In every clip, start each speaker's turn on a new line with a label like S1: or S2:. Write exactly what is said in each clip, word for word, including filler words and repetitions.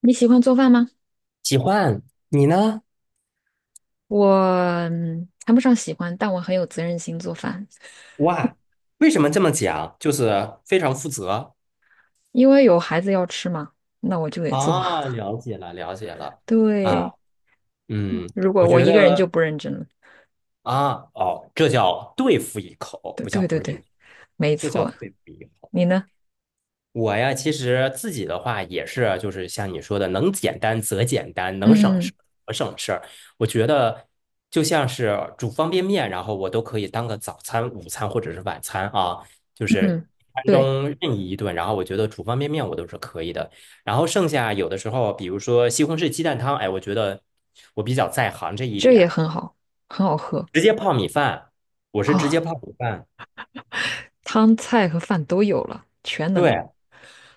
S1: 你喜欢做饭吗？
S2: 喜欢你呢
S1: 我嗯谈不上喜欢，但我很有责任心做饭，
S2: 哇？为什么这么讲？就是非常负责。
S1: 因为有孩子要吃嘛，那我就得做。
S2: 啊，了解了，了解了。啊，
S1: 对，
S2: 嗯，
S1: 如果
S2: 我
S1: 我
S2: 觉
S1: 一个人就
S2: 得
S1: 不认真了。
S2: 啊，哦，这叫对付一口，
S1: 对
S2: 不叫
S1: 对
S2: 不
S1: 对
S2: 认
S1: 对，
S2: 识，
S1: 没
S2: 这叫
S1: 错。
S2: 对付一口。
S1: 你呢？
S2: 我呀，其实自己的话也是，就是像你说的，能简单则简单，能省
S1: 嗯
S2: 事则省事儿。我觉得就像是煮方便面，然后我都可以当个早餐、午餐或者是晚餐啊，就是
S1: 嗯，
S2: 一餐
S1: 对，
S2: 中任意一顿。然后我觉得煮方便面我都是可以的。然后剩下有的时候，比如说西红柿鸡蛋汤，哎，我觉得我比较在行这一
S1: 这也
S2: 点，
S1: 很好，很好喝
S2: 直接泡米饭，我是直接
S1: 哦，
S2: 泡米饭，
S1: 汤菜和饭都有了，全能，
S2: 对。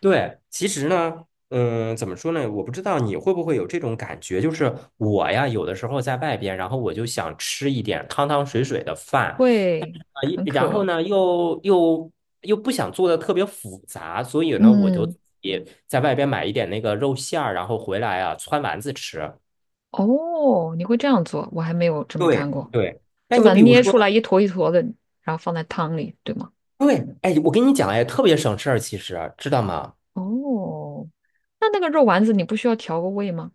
S2: 对，其实呢，嗯，怎么说呢？我不知道你会不会有这种感觉，就是我呀，有的时候在外边，然后我就想吃一点汤汤水水的饭啊，
S1: 会
S2: 一
S1: 很
S2: 然后
S1: 可。
S2: 呢，又又又不想做的特别复杂，所以呢，我就
S1: 嗯，
S2: 也在外边买一点那个肉馅儿，然后回来啊，汆丸子吃。
S1: 哦，你会这样做，我还没有这么干
S2: 对
S1: 过，
S2: 对，那
S1: 就
S2: 你
S1: 把它
S2: 比如
S1: 捏出来
S2: 说。
S1: 一坨一坨的，然后放在汤里，对吗？
S2: 对，哎，我跟你讲，哎，特别省事儿，其实知道吗？
S1: 哦，那那个肉丸子你不需要调个味吗？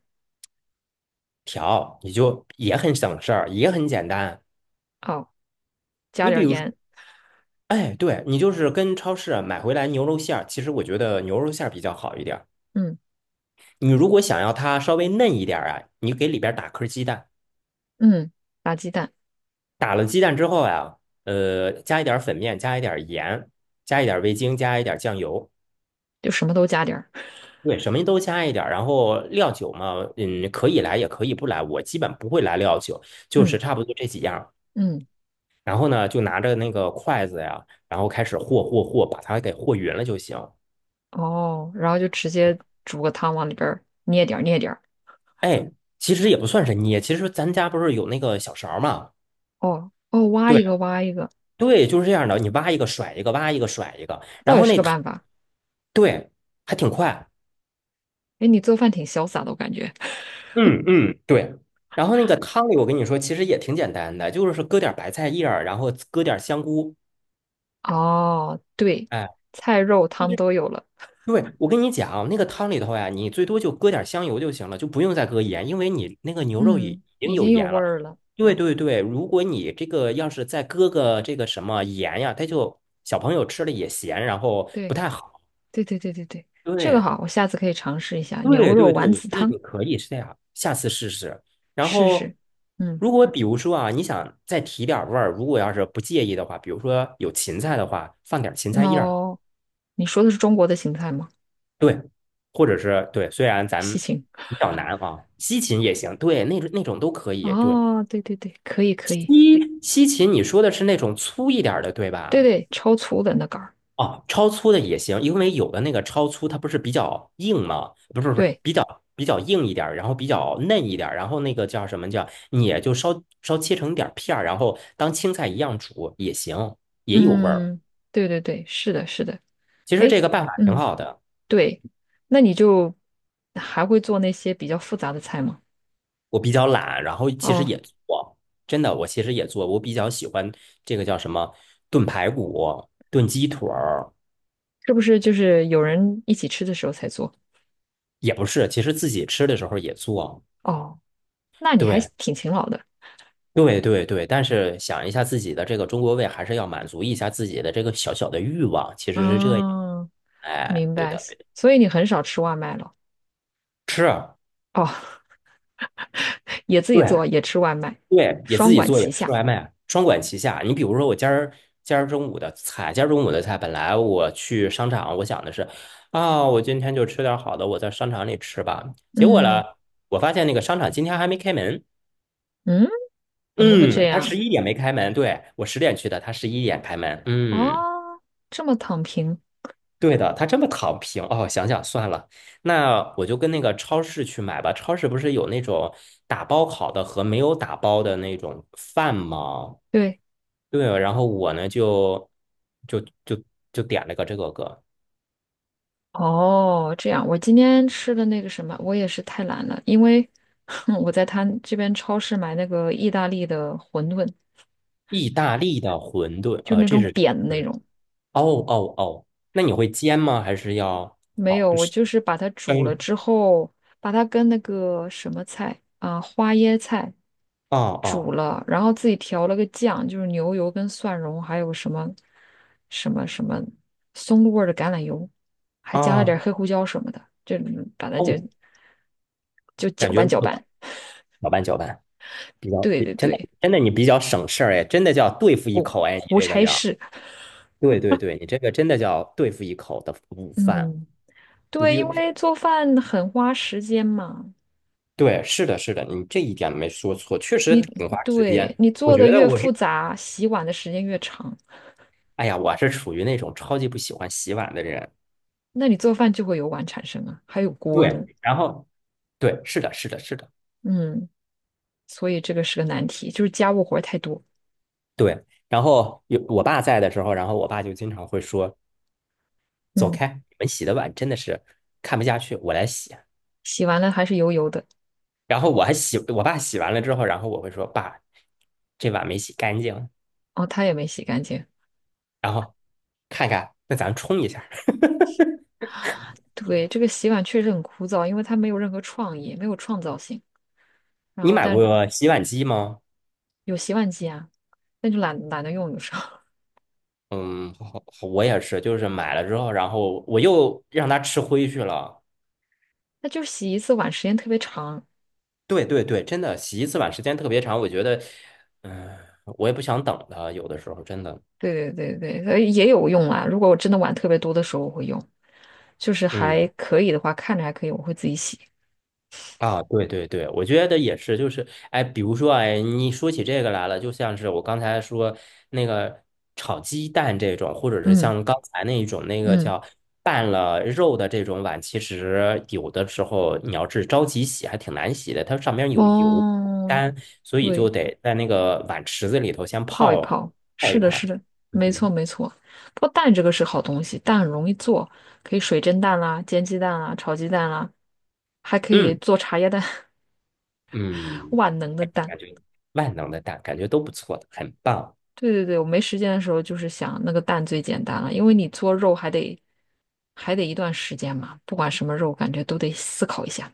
S2: 调你就也很省事儿，也很简单。
S1: 哦，加
S2: 你
S1: 点
S2: 比
S1: 儿
S2: 如说。
S1: 盐，
S2: 哎，对，你就是跟超市啊买回来牛肉馅儿，其实我觉得牛肉馅儿比较好一点儿。
S1: 嗯
S2: 你如果想要它稍微嫩一点儿啊，你给里边儿打颗鸡蛋，
S1: 嗯，打鸡蛋
S2: 打了鸡蛋之后呀、呃，加一点儿粉面，加一点儿盐，加一点儿味精，加一点儿酱油，
S1: 就什么都加点儿，
S2: 对，什么都加一点儿。然后料酒嘛，嗯，可以来也可以不来，我基本不会来料酒，就是
S1: 嗯
S2: 差不多这几样儿
S1: 嗯，
S2: 然后呢，就拿着那个筷子呀，然后开始和和和，把它给和匀了就行。
S1: 哦，然后就直接煮个汤往里边儿捏点儿捏点儿，
S2: 哎，其实也不算是捏，其实咱家不是有那个小勺儿嘛？
S1: 哦哦，挖
S2: 对
S1: 一个挖一个，
S2: 对，就是这样的，你挖一个甩一个，挖一个甩一个，
S1: 倒
S2: 然
S1: 也
S2: 后
S1: 是
S2: 那
S1: 个
S2: 汤，
S1: 办法。
S2: 对，还挺快。
S1: 哎，你做饭挺潇洒的，我感觉。
S2: 嗯嗯，对。然后那个汤里，我跟你说，其实也挺简单的，就是搁点白菜叶儿，然后搁点香菇，
S1: 哦，对，
S2: 哎，
S1: 菜肉汤都有了，
S2: 对，我跟你讲，那个汤里头呀，你最多就搁点香油就行了，就不用再搁盐，因为你那个牛肉已
S1: 嗯，
S2: 已经
S1: 已
S2: 有
S1: 经有
S2: 盐
S1: 味
S2: 了。
S1: 儿了。
S2: 对对对，如果你这个要是再搁个这个什么盐呀，它就小朋友吃了也咸，然后不
S1: 对
S2: 太好。
S1: 对对对对对，这个
S2: 对
S1: 好，我下次可以尝试一下牛
S2: 对
S1: 肉
S2: 对对，
S1: 丸
S2: 我觉
S1: 子
S2: 得
S1: 汤，
S2: 你可以是这样，下次试试。然
S1: 试
S2: 后，
S1: 试。嗯。
S2: 如果比如说啊，你想再提点儿味儿，如果要是不介意的话，比如说有芹菜的话，放点儿芹菜叶儿。
S1: 猫。你说的是中国的芹菜吗？
S2: 对，或者是对，虽然咱
S1: 西
S2: 们
S1: 芹。
S2: 比较难啊，西芹也行，对，那种那种都可以。对，
S1: 哦，对对对，可以可以，
S2: 西西芹你说的是那种粗一点儿的，对
S1: 对
S2: 吧？
S1: 对，超粗的那杆儿。
S2: 哦，超粗的也行，因为有的那个超粗它不是比较硬吗？不是不是，
S1: 对，
S2: 比较比较硬一点儿然后比较嫩一点儿然后那个叫什么叫，你也就稍稍切成点儿片儿，然后当青菜一样煮也行，也有味儿。
S1: 嗯，对对对，是的，是的。
S2: 其实这
S1: 哎，
S2: 个办法挺
S1: 嗯，
S2: 好的。
S1: 对，那你就还会做那些比较复杂的菜吗？
S2: 我比较懒，然后其实
S1: 哦，
S2: 也做，真的，我其实也做，我比较喜欢这个叫什么炖排骨、炖鸡腿儿，
S1: 是不是就是有人一起吃的时候才做？
S2: 也不是，其实自己吃的时候也做，
S1: 哦，那你还
S2: 对，
S1: 挺勤劳的。
S2: 对，对，对，但是想一下自己的这个中国胃，还是要满足一下自己的这个小小的欲望，其实是这样，
S1: 嗯，
S2: 哎，
S1: 明
S2: 对
S1: 白。
S2: 的，对的，
S1: 所以你很少吃外卖了。
S2: 是，
S1: 哦，也自己
S2: 对，
S1: 做，也吃外卖，
S2: 对，也自
S1: 双
S2: 己
S1: 管
S2: 做，也
S1: 齐
S2: 吃
S1: 下。
S2: 外卖，双管齐下。你比如说，我今儿今儿中午的菜，今儿中午的菜，本来我去商场，我想的是，啊、我今天就吃点儿好的，我在商场里吃吧。结果呢，
S1: 嗯
S2: 我发现那个商场今天还没开门。
S1: 嗯，怎么会这
S2: 嗯，他十
S1: 样？
S2: 一点没开门，对，我十点去的，他十一点开门。嗯，
S1: 哦，这么躺平，
S2: 对的，他这么躺平哦。想想算了，那我就跟那个超市去买吧。超市不是有那种打包好的和没有打包的那种饭吗？
S1: 对，
S2: 对，然后我呢就就就就点了个这个个
S1: 哦，这样。我今天吃的那个什么，我也是太懒了，因为 我在他这边超市买那个意大利的馄饨，
S2: 意大利的馄饨，
S1: 就
S2: 呃，
S1: 那
S2: 这
S1: 种
S2: 是
S1: 扁的
S2: 是
S1: 那
S2: 的。
S1: 种。
S2: 哦哦哦，那你会煎吗？还是要
S1: 没
S2: 好
S1: 有，我
S2: 是
S1: 就是把它煮了
S2: 嗯
S1: 之后，把它跟那个什么菜啊，花椰菜
S2: 啊
S1: 煮
S2: 哦
S1: 了，然后自己调了个酱，就是牛油跟蒜蓉，还有什么什么什么松露味儿的橄榄油，还加了
S2: 哦
S1: 点儿黑胡椒什么的，就把它
S2: 哦
S1: 就
S2: 哦，
S1: 就搅
S2: 感觉
S1: 拌
S2: 如
S1: 搅
S2: 何？
S1: 拌。
S2: 搅拌搅拌，比较
S1: 对对
S2: 真的
S1: 对，
S2: 真的你比较省事儿哎，真的叫对付一口哎，你
S1: 胡
S2: 这个
S1: 差
S2: 叫
S1: 事。
S2: 对对对，你这个真的叫对付一口的午饭。
S1: 嗯，
S2: 你
S1: 对，
S2: 就
S1: 因为做饭很花时间嘛，
S2: 对，是的，是的，你这一点没说错，确实
S1: 你
S2: 挺花时
S1: 对
S2: 间。
S1: 你
S2: 我
S1: 做的
S2: 觉得
S1: 越
S2: 我
S1: 复
S2: 是
S1: 杂，洗碗的时间越长，
S2: 哎呀，我是属于那种超级不喜欢洗碗的人。
S1: 那你做饭就会有碗产生啊，还有锅
S2: 对，
S1: 呢。
S2: 嗯然后对，是的，是的，是的，
S1: 嗯，所以这个是个难题，就是家务活儿太多。
S2: 对。然后有我爸在的时候，然后我爸就经常会说："走
S1: 嗯，
S2: 开，你们洗的碗真的是看不下去，我来洗。"
S1: 洗完了还是油油的，
S2: 然后我还洗，我爸洗完了之后，然后我会说："爸，这碗没洗干净。"
S1: 哦，他也没洗干净。
S2: 然后看看，那咱冲一下。
S1: 对，这个洗碗确实很枯燥，因为它没有任何创意，没有创造性。然
S2: 你
S1: 后
S2: 买
S1: 但
S2: 过洗碗机吗？
S1: 有洗碗机啊，那就懒懒得用，有时候。
S2: 嗯，我也是，就是买了之后，然后我又让他吃灰去了。
S1: 那就是洗一次碗时间特别长。
S2: 对对对，真的洗一次碗时间特别长，我觉得，嗯、我也不想等了，有的时候真的，
S1: 对对对对，呃也有用啦。如果我真的碗特别多的时候，我会用，就是还
S2: 嗯
S1: 可以的话，看着还可以，我会自己洗。
S2: 啊，对对对，我觉得也是，就是，哎，比如说，哎，你说起这个来了，就像是我刚才说那个炒鸡蛋这种，或者是
S1: 嗯
S2: 像刚才那一种那个
S1: 嗯，
S2: 叫拌了肉的这种碗，其实有的时候你要是着急洗，还挺难洗的，它上面有油
S1: 哦，
S2: 干，所以
S1: 对，
S2: 就得在那个碗池子里头先
S1: 泡一
S2: 泡
S1: 泡，
S2: 泡
S1: 是
S2: 一
S1: 的，是
S2: 泡。
S1: 的，没错
S2: 嗯。
S1: 没错。不过蛋这个是好东西，蛋很容易做，可以水蒸蛋啦、煎鸡蛋啦、炒鸡蛋啦，还可以
S2: 嗯
S1: 做茶叶蛋，
S2: 嗯，
S1: 万能的蛋。
S2: 感觉万能的蛋，感觉都不错的，很棒。
S1: 对对对，我没时间的时候就是想那个蛋最简单了，因为你做肉还得还得一段时间嘛，不管什么肉，感觉都得思考一下。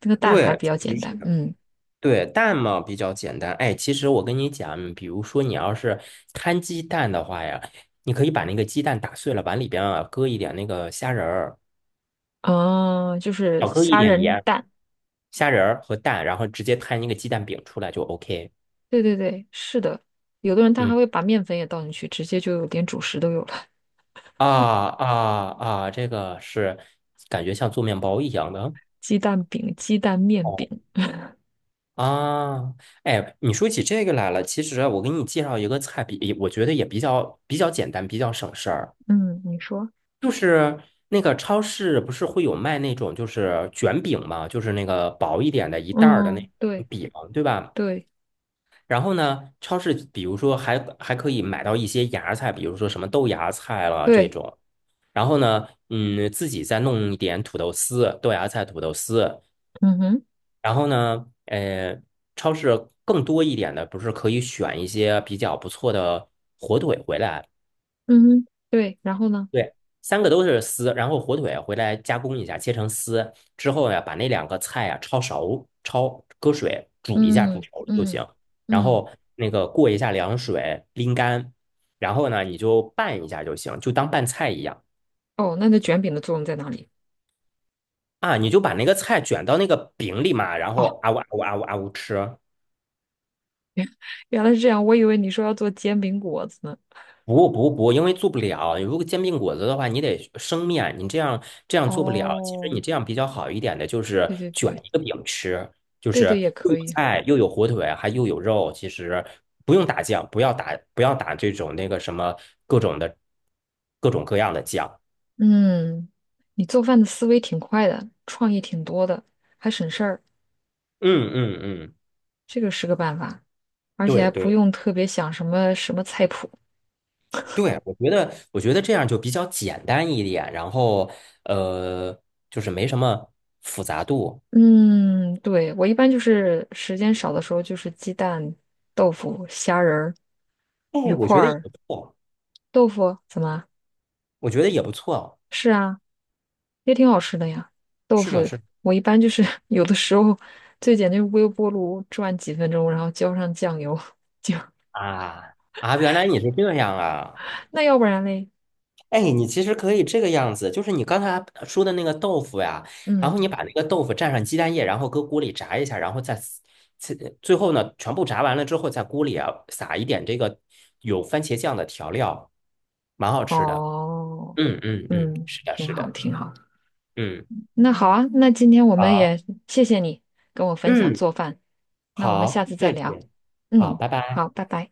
S1: 那个蛋
S2: 对，
S1: 还比较
S2: 确实
S1: 简
S2: 是
S1: 单，
S2: 的。
S1: 嗯，
S2: 对，蛋嘛比较简单。哎，其实我跟你讲，比如说你要是摊鸡蛋的话呀，你可以把那个鸡蛋打碎了，往里边啊搁一点那个虾仁儿，
S1: 哦，就是
S2: 少搁一
S1: 虾
S2: 点
S1: 仁
S2: 盐、
S1: 蛋，
S2: 虾仁儿和蛋，然后直接摊一个鸡蛋饼出来就 O K。
S1: 对对对，是的。有的人他
S2: 嗯，
S1: 还会把面粉也倒进去，直接就有点主食都有了，
S2: 啊啊啊，这个是感觉像做面包一样的。
S1: 鸡蛋饼、鸡蛋面饼。
S2: 哦。啊，哎，你说起这个来了，其实啊我给你介绍一个菜比，我觉得也比较比较简单，比较省事儿。
S1: 嗯，你说，
S2: 就是那个超市不是会有卖那种就是卷饼嘛，就是那个薄一点的一袋儿的那
S1: 嗯，
S2: 种
S1: 对
S2: 饼，对吧？
S1: 对
S2: 然后呢，超市比如说还还可以买到一些芽菜，比如说什么豆芽菜了这
S1: 对，
S2: 种。然后呢，嗯，自己再弄一点土豆丝、豆芽菜、土豆丝。
S1: 嗯哼，
S2: 然后呢，呃，超市更多一点的，不是可以选一些比较不错的火腿回来？
S1: 嗯哼，对，然后呢？
S2: 对，三个都是丝，然后火腿回来加工一下，切成丝之后呀，把那两个菜呀焯熟，焯搁水煮一下，煮
S1: 嗯
S2: 熟了就
S1: 嗯
S2: 行。然
S1: 嗯，
S2: 后那个过一下凉水，拎干，然后呢，你就拌一下就行，就当拌菜一样
S1: 哦，那那卷饼的作用在哪里？
S2: 啊。你就把那个菜卷到那个饼里嘛，然
S1: 哦。
S2: 后啊呜啊呜啊呜啊呜吃。
S1: 原来是这样，我以为你说要做煎饼果子呢。
S2: 不不不，因为做不了。如果煎饼果子的话，你得生面，你这样这样做不了。其实
S1: 哦，
S2: 你这样比较好一点的，就是
S1: 对对
S2: 卷
S1: 对，
S2: 一个饼吃，就
S1: 对
S2: 是
S1: 对也
S2: 又
S1: 可
S2: 有
S1: 以。
S2: 菜，又有火腿，还又有肉。其实不用打酱，不要打不要打这种那个什么各种的各种各样的酱。
S1: 嗯，你做饭的思维挺快的，创意挺多的，还省事儿，
S2: 嗯嗯嗯，
S1: 这个是个办法，而且
S2: 对
S1: 还不
S2: 对
S1: 用特别想什么什么菜谱。
S2: 对，我觉得我觉得这样就比较简单一点，然后呃，就是没什么复杂度。
S1: 嗯，对，我一般就是时间少的时候，就是鸡蛋、豆腐、虾仁儿、
S2: 哎，
S1: 鱼
S2: 我
S1: 块
S2: 觉得也
S1: 儿、
S2: 不错，
S1: 豆腐，怎么？
S2: 我觉得也不错。
S1: 是啊。也挺好吃的呀。豆
S2: 是
S1: 腐
S2: 的，是的
S1: 我一般就是 有的时候最简单就是微波炉转几分钟，然后浇上酱油。
S2: 啊啊，原来你是这样啊！
S1: 那要不然嘞？
S2: 哎，你其实可以这个样子，就是你刚才说的那个豆腐呀，然
S1: 嗯，
S2: 后你把那个豆腐蘸上鸡蛋液，然后搁锅里炸一下，然后再撕最最后呢，全部炸完了之后，在锅里啊撒一点这个有番茄酱的调料，蛮好吃的。
S1: 哦，
S2: 嗯嗯嗯，
S1: 嗯，
S2: 是的，
S1: 挺
S2: 是
S1: 好，
S2: 的，
S1: 挺好。
S2: 嗯，
S1: 那好啊，那今天我们
S2: 好，
S1: 也谢谢你跟我分享
S2: 嗯
S1: 做饭，那我们下
S2: 好，
S1: 次再
S2: 谢
S1: 聊。
S2: 谢，好，
S1: 嗯，
S2: 拜拜。
S1: 好，拜拜。